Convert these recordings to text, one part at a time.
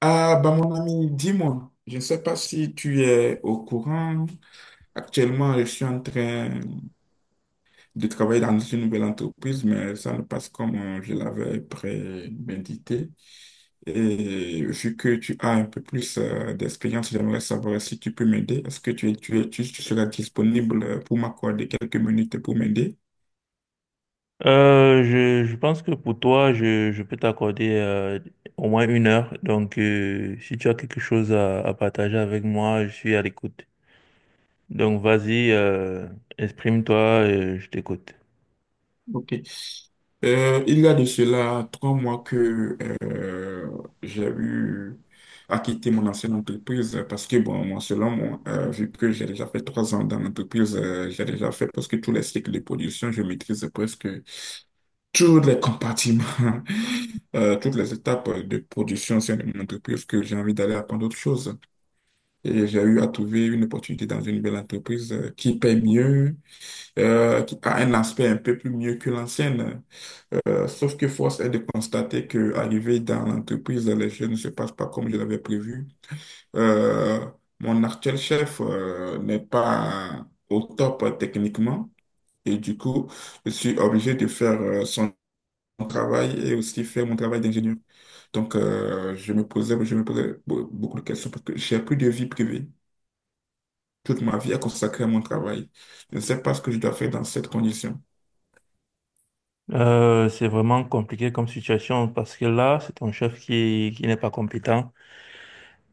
Ah, bah mon ami, dis-moi, je ne sais pas si tu es au courant. Actuellement, je suis en train de travailler dans une nouvelle entreprise, mais ça ne passe comme je l'avais prémédité. Et vu que tu as un peu plus d'expérience, j'aimerais savoir si tu peux m'aider. Est-ce que tu seras disponible pour m'accorder quelques minutes pour m'aider? Je pense que pour toi, je peux t'accorder au moins une heure. Donc, si tu as quelque chose à partager avec moi, je suis à l'écoute. Donc, vas-y, exprime-toi, je t'écoute. Ok. Il y a de cela 3 mois que euh, j'ai eu à quitter mon ancienne entreprise parce que, bon, moi, selon moi, vu que j'ai déjà fait 3 ans dans l'entreprise, j'ai déjà fait presque tous les cycles de production, je maîtrise presque tous les compartiments, toutes les étapes de production au sein de mon entreprise que j'ai envie d'aller apprendre autre chose. Et j'ai eu à trouver une opportunité dans une belle entreprise qui paye mieux, qui a un aspect un peu plus mieux que l'ancienne. Sauf que force est de constater que arrivé dans l'entreprise, les choses ne se passent pas comme je l'avais prévu. Euh, Mon actuel chef n'est pas au top techniquement et du coup, je suis obligé de faire son travail et aussi faire mon travail d'ingénieur. Donc, je me posais beaucoup de questions parce que j'ai plus de vie privée. Toute ma vie est consacrée à mon travail. Je ne sais pas ce que je dois faire dans cette condition. C'est vraiment compliqué comme situation parce que là, c'est ton chef qui n'est pas compétent.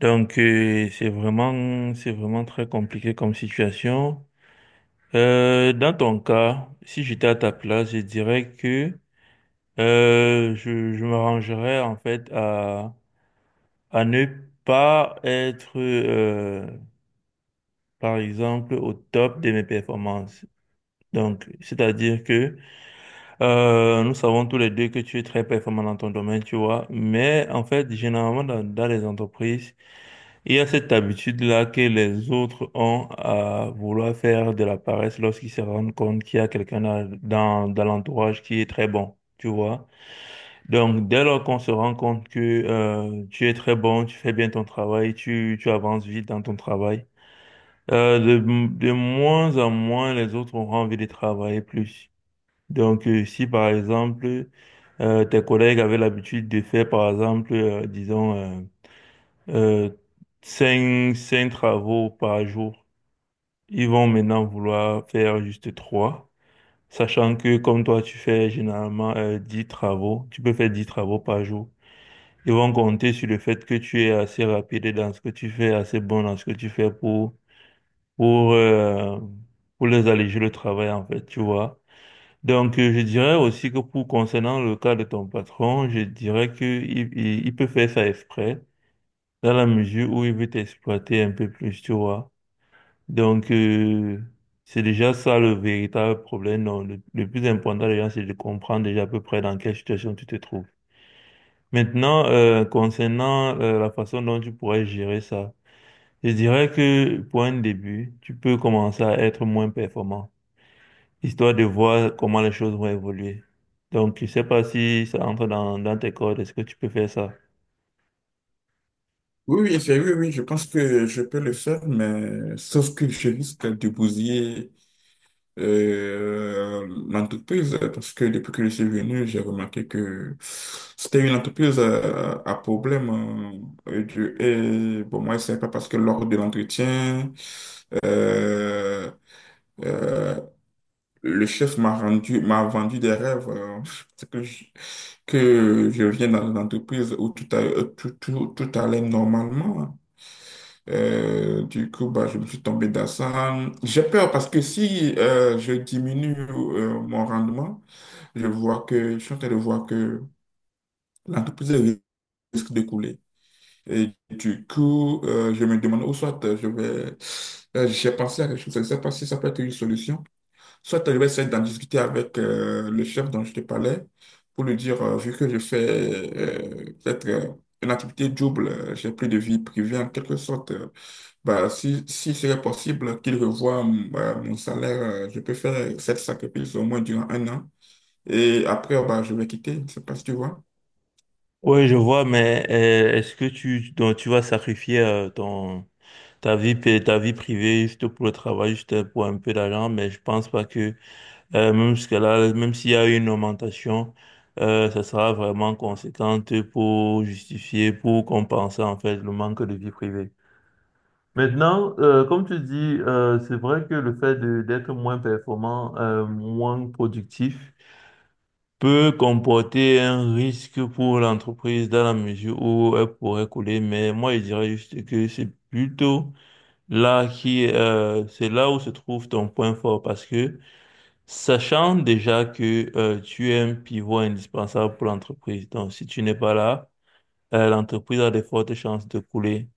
Donc, c'est vraiment très compliqué comme situation. Dans ton cas, si j'étais à ta place, je dirais que je m'arrangerais en fait à ne pas être, par exemple, au top de mes performances. Donc, c'est-à-dire que nous savons tous les deux que tu es très performant dans ton domaine, tu vois. Mais en fait, généralement, dans les entreprises, il y a cette habitude-là que les autres ont à vouloir faire de la paresse lorsqu'ils se rendent compte qu'il y a quelqu'un dans, dans l'entourage qui est très bon, tu vois. Donc, dès lors qu'on se rend compte que tu es très bon, tu fais bien ton travail, tu avances vite dans ton travail, euh, de, de moins en moins les autres auront envie de travailler plus. Donc, si par exemple, tes collègues avaient l'habitude de faire, par exemple, disons, euh, cinq travaux par jour, ils vont maintenant vouloir faire juste trois, sachant que comme toi, tu fais généralement 10 travaux, tu peux faire 10 travaux par jour. Ils vont compter sur le fait que tu es assez rapide dans ce que tu fais, assez bon dans ce que tu fais pour, euh, pour les alléger le travail, en fait, tu vois. Donc, je dirais aussi que pour concernant le cas de ton patron, je dirais que il peut faire ça exprès, dans la mesure où il veut t'exploiter un peu plus, tu vois. Donc, c'est déjà ça le véritable problème. Non, le plus important, les c'est de comprendre déjà à peu près dans quelle situation tu te trouves. Maintenant, concernant la façon dont tu pourrais gérer ça, je dirais que pour un début, tu peux commencer à être moins performant, histoire de voir comment les choses vont évoluer. Donc, je sais pas si ça entre dans, dans tes cordes, est-ce que tu peux faire ça? Oui, oui, oui, oui, je pense que je peux le faire, mais sauf que je risque de bousiller l'entreprise parce que depuis que je suis venu, j'ai remarqué que c'était une entreprise à, problème. Et, et bon, moi, c'est pas parce que lors de l'entretien, euh, euh, le chef m'a vendu des rêves. C'est que je, que je viens dans une entreprise où tout, a- tout, tout, tout allait normalement. Du coup, bah, je me suis tombé dans ça. J'ai peur parce que si je diminue mon rendement, je suis en train de voir que l'entreprise risque de couler. Et du coup, je me demande, ou soit je vais, j'ai pensé à quelque chose, je ne sais pas si ça peut être une solution. Soit tu vais d'en discuter avec le chef dont je te parlais pour lui dire, vu que je fais peut-être une activité double, j'ai plus de vie privée en quelque sorte, bah, si serait possible qu'il revoie bah, mon salaire, je peux faire cette sacrifice au moins durant 1 an. Et après, bah, je vais quitter, je ne sais pas si tu vois. Oui, je vois, mais est-ce que tu, donc, tu vas sacrifier ton, ta vie, ta vie privée juste pour le travail, juste pour un peu d'argent, mais je pense pas que même jusqu'à là, même s'il y a eu une augmentation, ça sera vraiment conséquente pour justifier, pour compenser en fait le manque de vie privée. Maintenant, comme tu dis, c'est vrai que le fait d'être moins performant, moins productif, peut comporter un risque pour l'entreprise dans la mesure où elle pourrait couler. Mais moi, je dirais juste que c'est plutôt là qui, c'est là où se trouve ton point fort parce que sachant déjà que tu es un pivot indispensable pour l'entreprise, donc si tu n'es pas là, l'entreprise a de fortes chances de couler.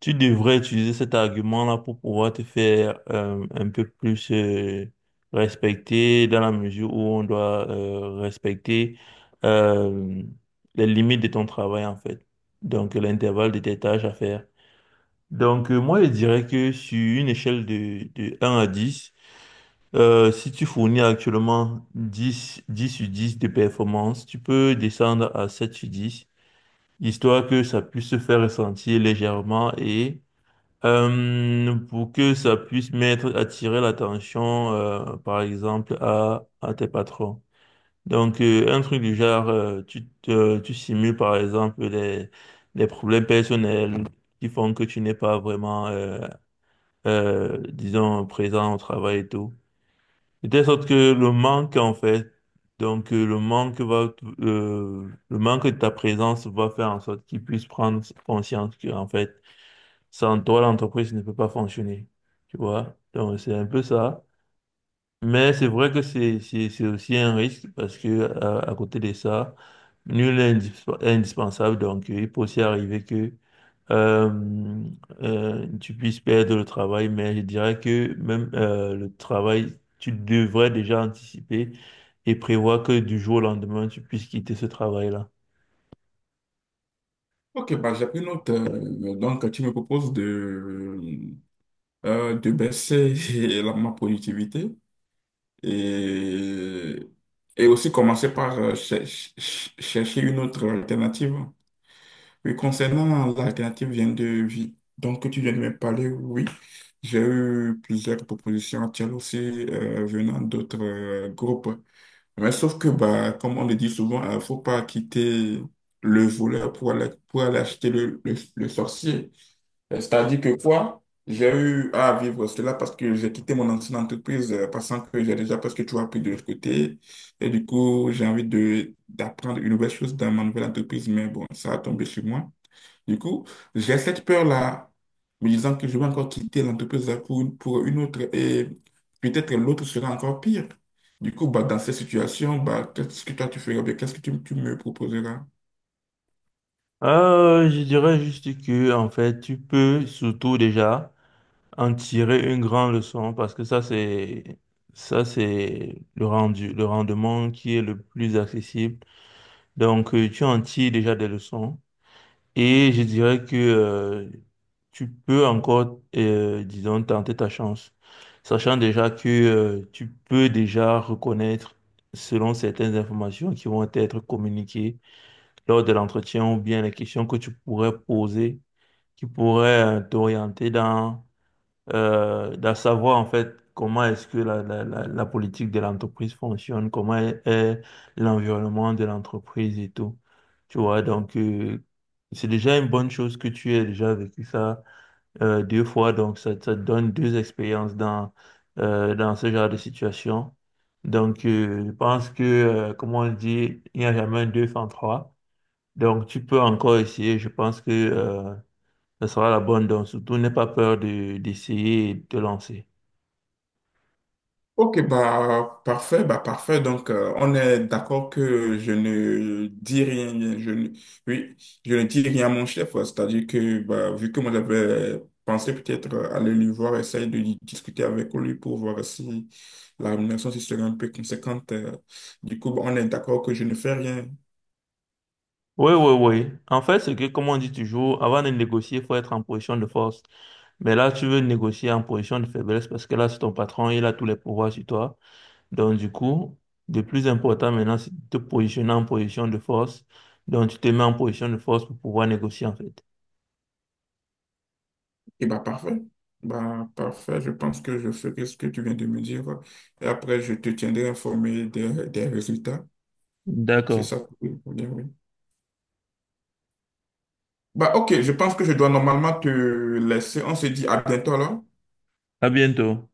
Tu devrais utiliser cet argument-là pour pouvoir te faire un peu plus respecter dans la mesure où on doit respecter euh, les limites de ton travail en fait, donc l'intervalle de tes tâches à faire. Donc moi je dirais que sur une échelle de un à 10. Si tu fournis actuellement dix sur 10 de performance, tu peux descendre à 7 sur 10, histoire que ça puisse se faire ressentir légèrement et pour que ça puisse mettre, attirer l'attention, par exemple, à tes patrons. Donc, un truc du genre, tu simules, par exemple, les problèmes personnels qui font que tu n'es pas vraiment, disons, présent au travail et tout. De telle sorte que le manque, en fait, donc le manque va, le manque de ta présence va faire en sorte qu'ils puissent prendre conscience que, en fait, sans toi, l'entreprise ne peut pas fonctionner. Tu vois? Donc, c'est un peu ça. Mais c'est vrai que c'est aussi un risque parce que, à côté de ça, nul n'est indispensable. Donc, il peut aussi arriver que euh, tu puisses perdre le travail, mais je dirais que même le travail, tu devrais déjà anticiper et prévoir que du jour au lendemain, tu puisses quitter ce travail-là. Ok, bah, j'ai pris note. Donc, tu me proposes de baisser ma productivité et, et aussi commencer par chercher une autre alternative. Oui, concernant l'alternative vient de vie, donc que tu viens de me parler, oui, j'ai eu plusieurs propositions actuelles aussi venant d'autres groupes. Mais sauf que, bah, comme on le dit souvent, il ne faut pas quitter le voleur pour aller acheter le sorcier. C'est-à-dire que quoi, j'ai eu à vivre cela parce que j'ai quitté mon ancienne entreprise, pensant que j'ai déjà presque tout appris de l'autre côté. Et du coup, j'ai envie de d'apprendre une nouvelle chose dans ma nouvelle entreprise, mais bon, ça a tombé sur moi. Du coup, j'ai cette peur-là, me disant que je vais encore quitter l'entreprise pour une autre et peut-être l'autre sera encore pire. Du coup, bah, dans cette situation, bah, qu'est-ce que toi tu feras? Bien Qu'est-ce que tu me proposeras? Je dirais juste que, en fait, tu peux surtout déjà en tirer une grande leçon parce que ça, c'est le rendu, le rendement qui est le plus accessible. Donc, tu en tires déjà des leçons. Et je dirais que tu peux encore, disons, tenter ta chance, sachant déjà que tu peux déjà reconnaître, selon certaines informations qui vont être communiquées lors de l'entretien ou bien les questions que tu pourrais poser, qui pourraient t'orienter dans d'à savoir en fait comment est-ce que la politique de l'entreprise fonctionne, comment est l'environnement de l'entreprise et tout. Tu vois, donc c'est déjà une bonne chose que tu aies déjà vécu ça deux fois, donc ça te donne deux expériences dans, dans ce genre de situation. Donc je pense que, comme on dit, il n'y a jamais un deux sans trois. Donc tu peux encore essayer, je pense que... ce sera la bonne donne. Surtout, n'aie pas peur d'essayer et de te lancer. Ok, bah parfait, bah parfait. Donc on est d'accord que je ne dis rien, je ne, oui, je ne dis rien à mon chef. Ouais. C'est-à-dire que bah, vu que moi j'avais pensé peut-être aller lui voir, essayer de discuter avec lui pour voir si la rémunération si serait un peu conséquente. Du coup, bah, on est d'accord que je ne fais rien. Oui, oui, oui. En fait, c'est que, comme on dit toujours, avant de négocier, il faut être en position de force. Mais là, tu veux négocier en position de faiblesse parce que là, c'est ton patron, il a tous les pouvoirs sur toi. Donc, du coup, le plus important maintenant, c'est de te positionner en position de force. Donc, tu te mets en position de force pour pouvoir négocier, en fait. Et bah parfait, bah parfait. Je pense que je ferai ce que tu viens de me dire. Et après, je te tiendrai informé des résultats. C'est D'accord. ça. Oui, oui. Bah, ok, je pense que je dois normalement te laisser. On se dit à bientôt alors. À bientôt.